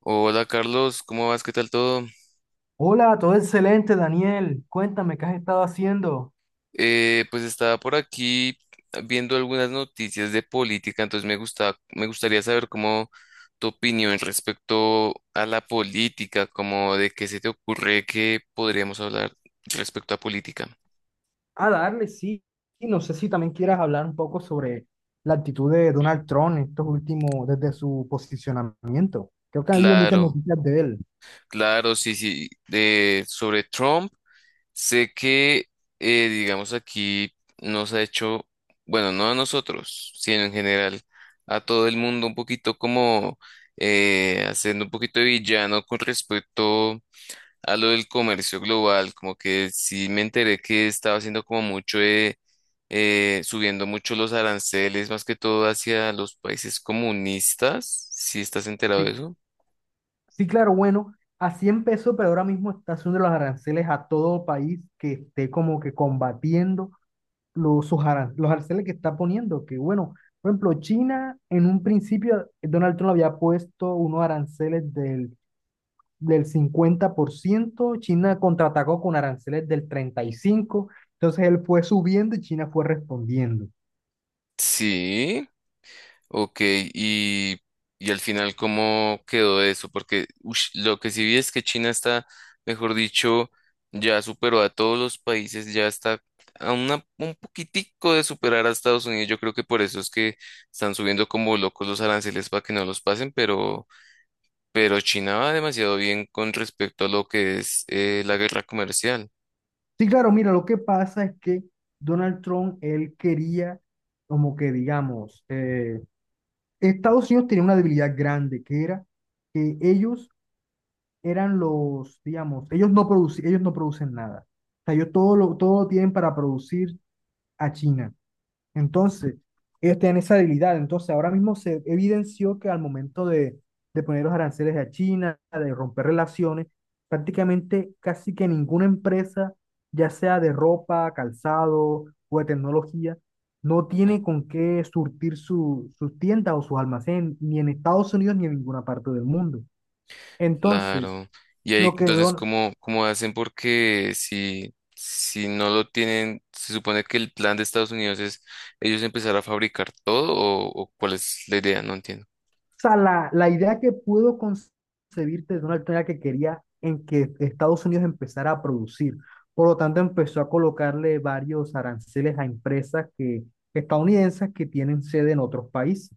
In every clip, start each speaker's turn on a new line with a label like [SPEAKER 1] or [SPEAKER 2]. [SPEAKER 1] Hola Carlos, ¿cómo vas? ¿Qué tal todo?
[SPEAKER 2] Hola, todo excelente, Daniel. Cuéntame, ¿qué has estado haciendo?
[SPEAKER 1] Pues estaba por aquí viendo algunas noticias de política, entonces me gustaría saber cómo tu opinión respecto a la política, como de qué se te ocurre que podríamos hablar respecto a política.
[SPEAKER 2] A darle, sí. Y no sé si también quieras hablar un poco sobre la actitud de Donald Trump en estos últimos, desde su posicionamiento. Creo que ha habido muchas
[SPEAKER 1] Claro,
[SPEAKER 2] noticias de él.
[SPEAKER 1] claro, sí, sí, de sobre Trump. Sé que, digamos, aquí nos ha hecho, bueno, no a nosotros, sino en general a todo el mundo un poquito como haciendo un poquito de villano con respecto a lo del comercio global, como que sí me enteré que estaba haciendo como mucho, de, subiendo mucho los aranceles, más que todo hacia los países comunistas, ¿si estás enterado de
[SPEAKER 2] Sí,
[SPEAKER 1] eso?
[SPEAKER 2] sí, claro, bueno, así empezó, pero ahora mismo está haciendo los aranceles a todo país que esté como que combatiendo los, sus los aranceles que está poniendo. Que bueno, por ejemplo, China en un principio, Donald Trump había puesto unos aranceles del 50%. China contraatacó con aranceles del 35%, entonces él fue subiendo y China fue respondiendo.
[SPEAKER 1] Sí. Ok, y al final, ¿cómo quedó eso? Porque ush, lo que sí vi es que China está, mejor dicho, ya superó a todos los países, ya está a un poquitico de superar a Estados Unidos. Yo creo que por eso es que están subiendo como locos los aranceles para que no los pasen, pero China va demasiado bien con respecto a lo que es la guerra comercial.
[SPEAKER 2] Sí, claro, mira, lo que pasa es que Donald Trump, él quería, como que digamos, Estados Unidos tenía una debilidad grande, que era que ellos eran los, digamos, ellos no, ellos no producen nada. O sea, ellos todo lo tienen para producir a China. Entonces, ellos tienen esa debilidad. Entonces, ahora mismo se evidenció que al momento de poner los aranceles a China, de romper relaciones, prácticamente casi que ninguna empresa, ya sea de ropa, calzado o de tecnología, no tiene con qué surtir sus tiendas o sus almacenes, ni en Estados Unidos ni en ninguna parte del mundo. Entonces,
[SPEAKER 1] Claro. Y ahí
[SPEAKER 2] lo que
[SPEAKER 1] entonces,
[SPEAKER 2] Don-
[SPEAKER 1] ¿cómo, cómo hacen? Porque si, si no lo tienen, se supone que el plan de Estados Unidos es ellos empezar a fabricar todo o cuál es la idea, no entiendo.
[SPEAKER 2] O sea, la idea que pudo concebirte de Donald Trump era que quería en que Estados Unidos empezara a producir. Por lo tanto, empezó a colocarle varios aranceles a estadounidenses que tienen sede en otros países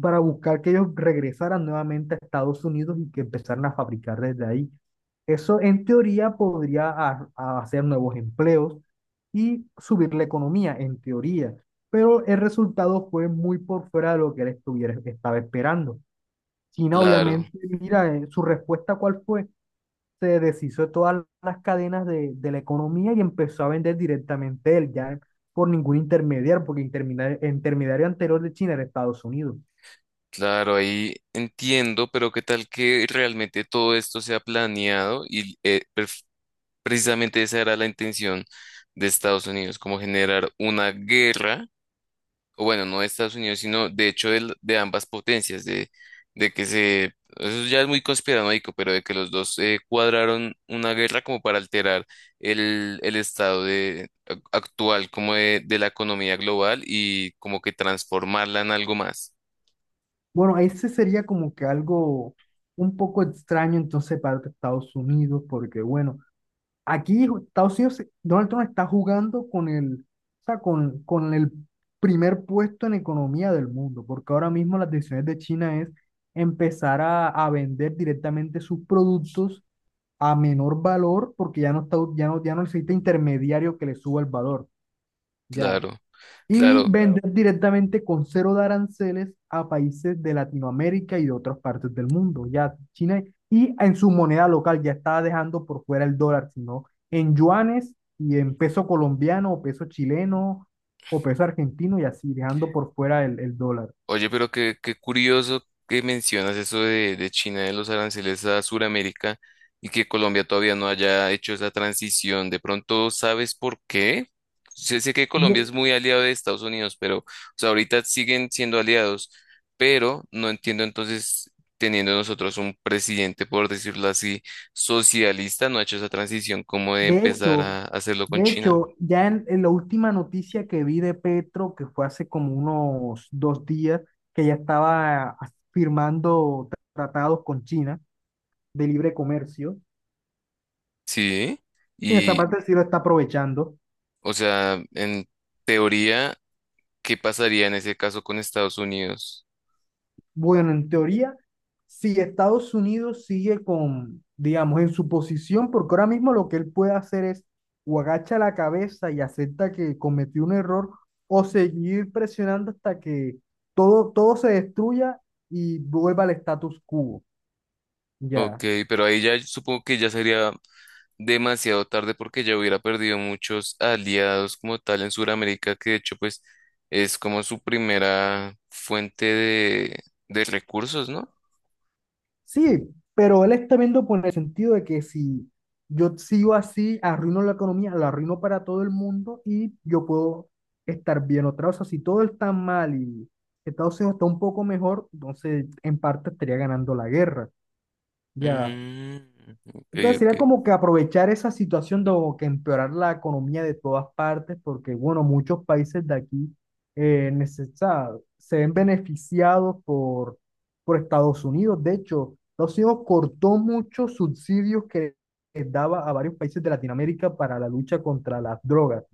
[SPEAKER 2] para buscar que ellos regresaran nuevamente a Estados Unidos y que empezaran a fabricar desde ahí. Eso en teoría podría a hacer nuevos empleos y subir la economía, en teoría, pero el resultado fue muy por fuera de lo que él estaba esperando. China,
[SPEAKER 1] Claro,
[SPEAKER 2] obviamente, mira, su respuesta, ¿cuál fue? Se deshizo de todas las cadenas de la economía y empezó a vender directamente él, ya por ningún intermediario, porque intermediario anterior de China era Estados Unidos.
[SPEAKER 1] claro, ahí entiendo, pero ¿qué tal que realmente todo esto sea planeado? Y precisamente esa era la intención de Estados Unidos, como generar una guerra o bueno, no de Estados Unidos, sino de hecho de, ambas potencias, de que se, eso ya es muy conspiranoico, pero de que los dos cuadraron una guerra como para alterar el estado de, actual como de la economía global y como que transformarla en algo más.
[SPEAKER 2] Bueno, ese sería como que algo un poco extraño entonces para Estados Unidos, porque bueno, aquí Estados Unidos, Donald Trump está jugando con o sea, con el primer puesto en economía del mundo, porque ahora mismo las decisiones de China es empezar a vender directamente sus productos a menor valor, porque ya no está, ya no, ya no necesita intermediario que le suba el valor. Ya
[SPEAKER 1] Claro,
[SPEAKER 2] y claro,
[SPEAKER 1] claro.
[SPEAKER 2] vender directamente con cero de aranceles a países de Latinoamérica y de otras partes del mundo. Ya China y en su moneda local ya estaba dejando por fuera el dólar, sino en yuanes y en peso colombiano o peso chileno o peso argentino y así, dejando por fuera el dólar.
[SPEAKER 1] Oye, pero qué, qué curioso que mencionas eso de China, de los aranceles a Sudamérica y que Colombia todavía no haya hecho esa transición. De pronto, ¿sabes por qué? Sé, sé que Colombia
[SPEAKER 2] No,
[SPEAKER 1] es muy aliado de Estados Unidos, pero o sea, ahorita siguen siendo aliados, pero no entiendo entonces, teniendo nosotros un presidente, por decirlo así, socialista, no ha hecho esa transición como de
[SPEAKER 2] de
[SPEAKER 1] empezar
[SPEAKER 2] hecho,
[SPEAKER 1] a hacerlo con
[SPEAKER 2] de
[SPEAKER 1] China.
[SPEAKER 2] hecho, ya en la última noticia que vi de Petro, que fue hace como unos 2 días, que ya estaba ah, firmando tratados con China de libre comercio
[SPEAKER 1] Sí,
[SPEAKER 2] y en esa
[SPEAKER 1] y
[SPEAKER 2] parte sí lo está aprovechando.
[SPEAKER 1] o sea, en teoría ¿qué pasaría en ese caso con Estados Unidos?
[SPEAKER 2] Bueno, en teoría, si Estados Unidos sigue con, digamos, en su posición, porque ahora mismo lo que él puede hacer es o agacha la cabeza y acepta que cometió un error o seguir presionando hasta que todo se destruya y vuelva al status quo.
[SPEAKER 1] Ok,
[SPEAKER 2] Ya.
[SPEAKER 1] pero ahí ya supongo que ya sería demasiado tarde porque ya hubiera perdido muchos aliados como tal en Sudamérica, que de hecho pues es como su primera fuente de recursos, ¿no?
[SPEAKER 2] Sí, pero él está viendo por el sentido de que si yo sigo así, arruino la economía, la arruino para todo el mundo y yo puedo estar bien otra vez. O sea, si todo está mal y Estados Unidos está un poco mejor, entonces en parte estaría ganando la guerra. Ya,
[SPEAKER 1] Mm, ok,
[SPEAKER 2] entonces
[SPEAKER 1] ok,
[SPEAKER 2] sería como que aprovechar esa situación de o que empeorar la economía de todas partes, porque bueno, muchos países de aquí o sea, se ven beneficiados por Estados Unidos. De hecho, Estados Unidos cortó muchos subsidios que daba a varios países de Latinoamérica para la lucha contra las drogas,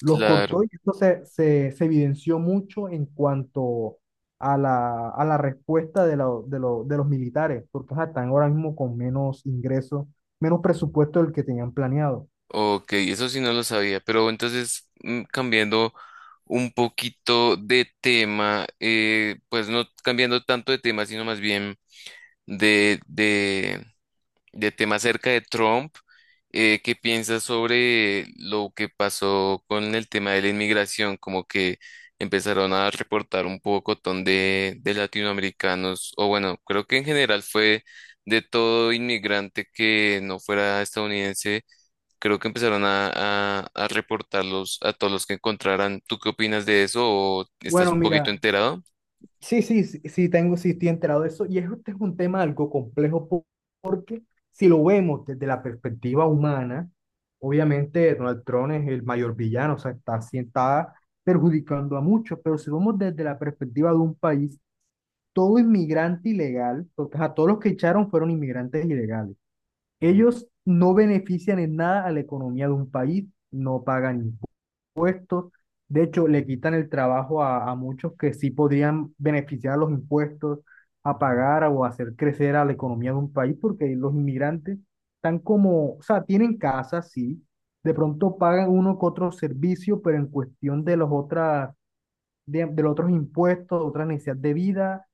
[SPEAKER 2] los cortó
[SPEAKER 1] claro.
[SPEAKER 2] y esto se evidenció mucho en cuanto a a la respuesta de, la- de, lo- de los militares, porque ajá, están ahora mismo con menos ingresos, menos presupuesto del que tenían planeado.
[SPEAKER 1] Ok, eso sí no lo sabía, pero entonces cambiando un poquito de tema, pues no cambiando tanto de tema, sino más bien de, de, de tema acerca de Trump. ¿Qué piensas sobre lo que pasó con el tema de la inmigración? Como que empezaron a reportar un pocotón de latinoamericanos, o bueno, creo que en general fue de todo inmigrante que no fuera estadounidense, creo que empezaron a reportarlos a todos los que encontraran. ¿Tú qué opinas de eso o estás
[SPEAKER 2] Bueno,
[SPEAKER 1] un poquito
[SPEAKER 2] mira,
[SPEAKER 1] enterado?
[SPEAKER 2] sí, sí, sí, sí estoy enterado de eso, y este es un tema algo complejo porque si lo vemos desde la perspectiva humana, obviamente Donald Trump es el mayor villano, o sea, está, sí está perjudicando a muchos, pero si lo vemos desde la perspectiva de un país, todo inmigrante ilegal, porque a todos los que echaron fueron inmigrantes ilegales. Ellos no benefician en nada a la economía de un país, no pagan impuestos. De hecho, le quitan el trabajo a muchos que sí podrían beneficiar a los impuestos, a pagar o a hacer crecer a la economía de un país, porque los inmigrantes están como, o sea, tienen casas, sí, de pronto pagan uno que otro servicio, pero en cuestión de los otras, de los otros impuestos, otras necesidades de vida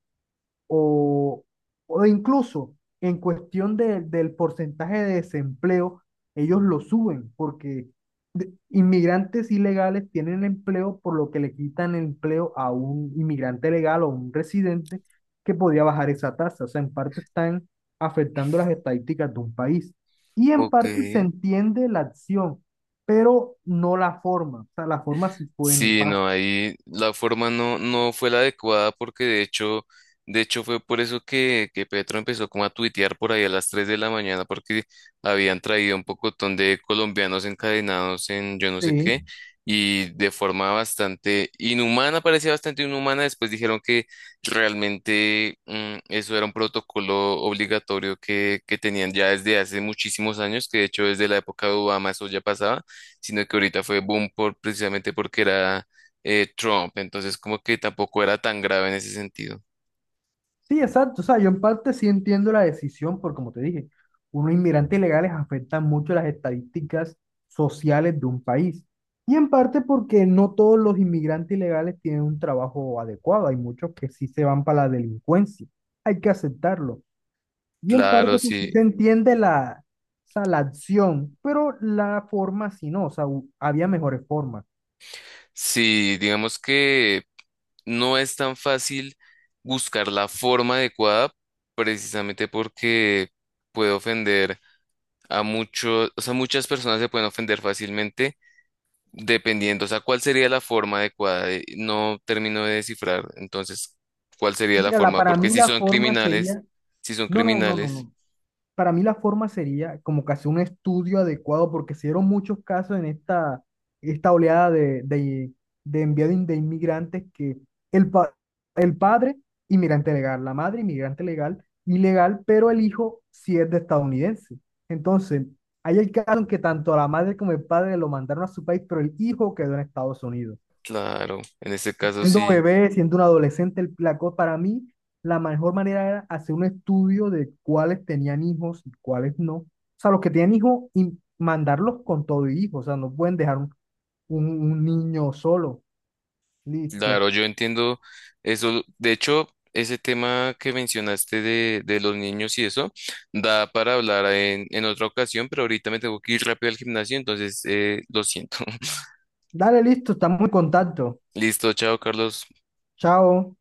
[SPEAKER 2] o, o incluso en cuestión del porcentaje de desempleo, ellos lo suben porque inmigrantes ilegales tienen empleo por lo que le quitan empleo a un inmigrante legal o un residente que podía bajar esa tasa. O sea, en parte están afectando las estadísticas de un país y en
[SPEAKER 1] Ok.
[SPEAKER 2] parte se entiende la acción, pero no la forma. O sea, la forma sí fue
[SPEAKER 1] Sí,
[SPEAKER 2] nefasta.
[SPEAKER 1] no, ahí la forma no, no fue la adecuada porque de hecho fue por eso que Petro empezó como a tuitear por ahí a las 3 de la mañana porque habían traído un pocotón de colombianos encadenados en yo no sé
[SPEAKER 2] Sí.
[SPEAKER 1] qué y de forma bastante inhumana, parecía bastante inhumana, después dijeron que realmente eso era un protocolo obligatorio que tenían ya desde hace muchísimos años, que de hecho desde la época de Obama eso ya pasaba, sino que ahorita fue boom por, precisamente porque era Trump, entonces como que tampoco era tan grave en ese sentido.
[SPEAKER 2] Sí, exacto. O sea, yo en parte sí entiendo la decisión, porque como te dije, unos inmigrantes ilegales afectan mucho las estadísticas sociales de un país. Y en parte porque no todos los inmigrantes ilegales tienen un trabajo adecuado. Hay muchos que sí se van para la delincuencia. Hay que aceptarlo. Y en parte
[SPEAKER 1] Claro,
[SPEAKER 2] o sea, sí
[SPEAKER 1] sí,
[SPEAKER 2] se entiende o sea, la acción, pero la forma sí no. O sea, había mejores formas.
[SPEAKER 1] sí, digamos que no es tan fácil buscar la forma adecuada precisamente porque puede ofender a muchos, o sea, muchas personas se pueden ofender fácilmente dependiendo, o sea, cuál sería la forma adecuada. No termino de descifrar, entonces, cuál sería la
[SPEAKER 2] Mira, la,
[SPEAKER 1] forma,
[SPEAKER 2] para
[SPEAKER 1] porque
[SPEAKER 2] mí
[SPEAKER 1] si
[SPEAKER 2] la
[SPEAKER 1] son
[SPEAKER 2] forma
[SPEAKER 1] criminales,
[SPEAKER 2] sería...
[SPEAKER 1] si son
[SPEAKER 2] No, no, no, no,
[SPEAKER 1] criminales,
[SPEAKER 2] no. Para mí la forma sería como que hacer un estudio adecuado porque se dieron muchos casos en esta oleada de envío de inmigrantes que el, pa- el padre, inmigrante legal, la madre, inmigrante legal, ilegal, pero el hijo sí es de estadounidense. Entonces, hay el caso en que tanto la madre como el padre lo mandaron a su país, pero el hijo quedó en Estados Unidos.
[SPEAKER 1] claro, en este caso
[SPEAKER 2] Siendo
[SPEAKER 1] sí,
[SPEAKER 2] bebé, siendo un adolescente, la cosa para mí la mejor manera era hacer un estudio de cuáles tenían hijos y cuáles no. O sea, los que tenían hijos y mandarlos con todo y hijos. O sea, no pueden dejar un niño solo. Listo.
[SPEAKER 1] claro, yo entiendo eso. De hecho, ese tema que mencionaste de los niños y eso, da para hablar en otra ocasión, pero ahorita me tengo que ir rápido al gimnasio, entonces lo siento.
[SPEAKER 2] Dale, listo, estamos en contacto.
[SPEAKER 1] Listo, chao, Carlos.
[SPEAKER 2] Chao.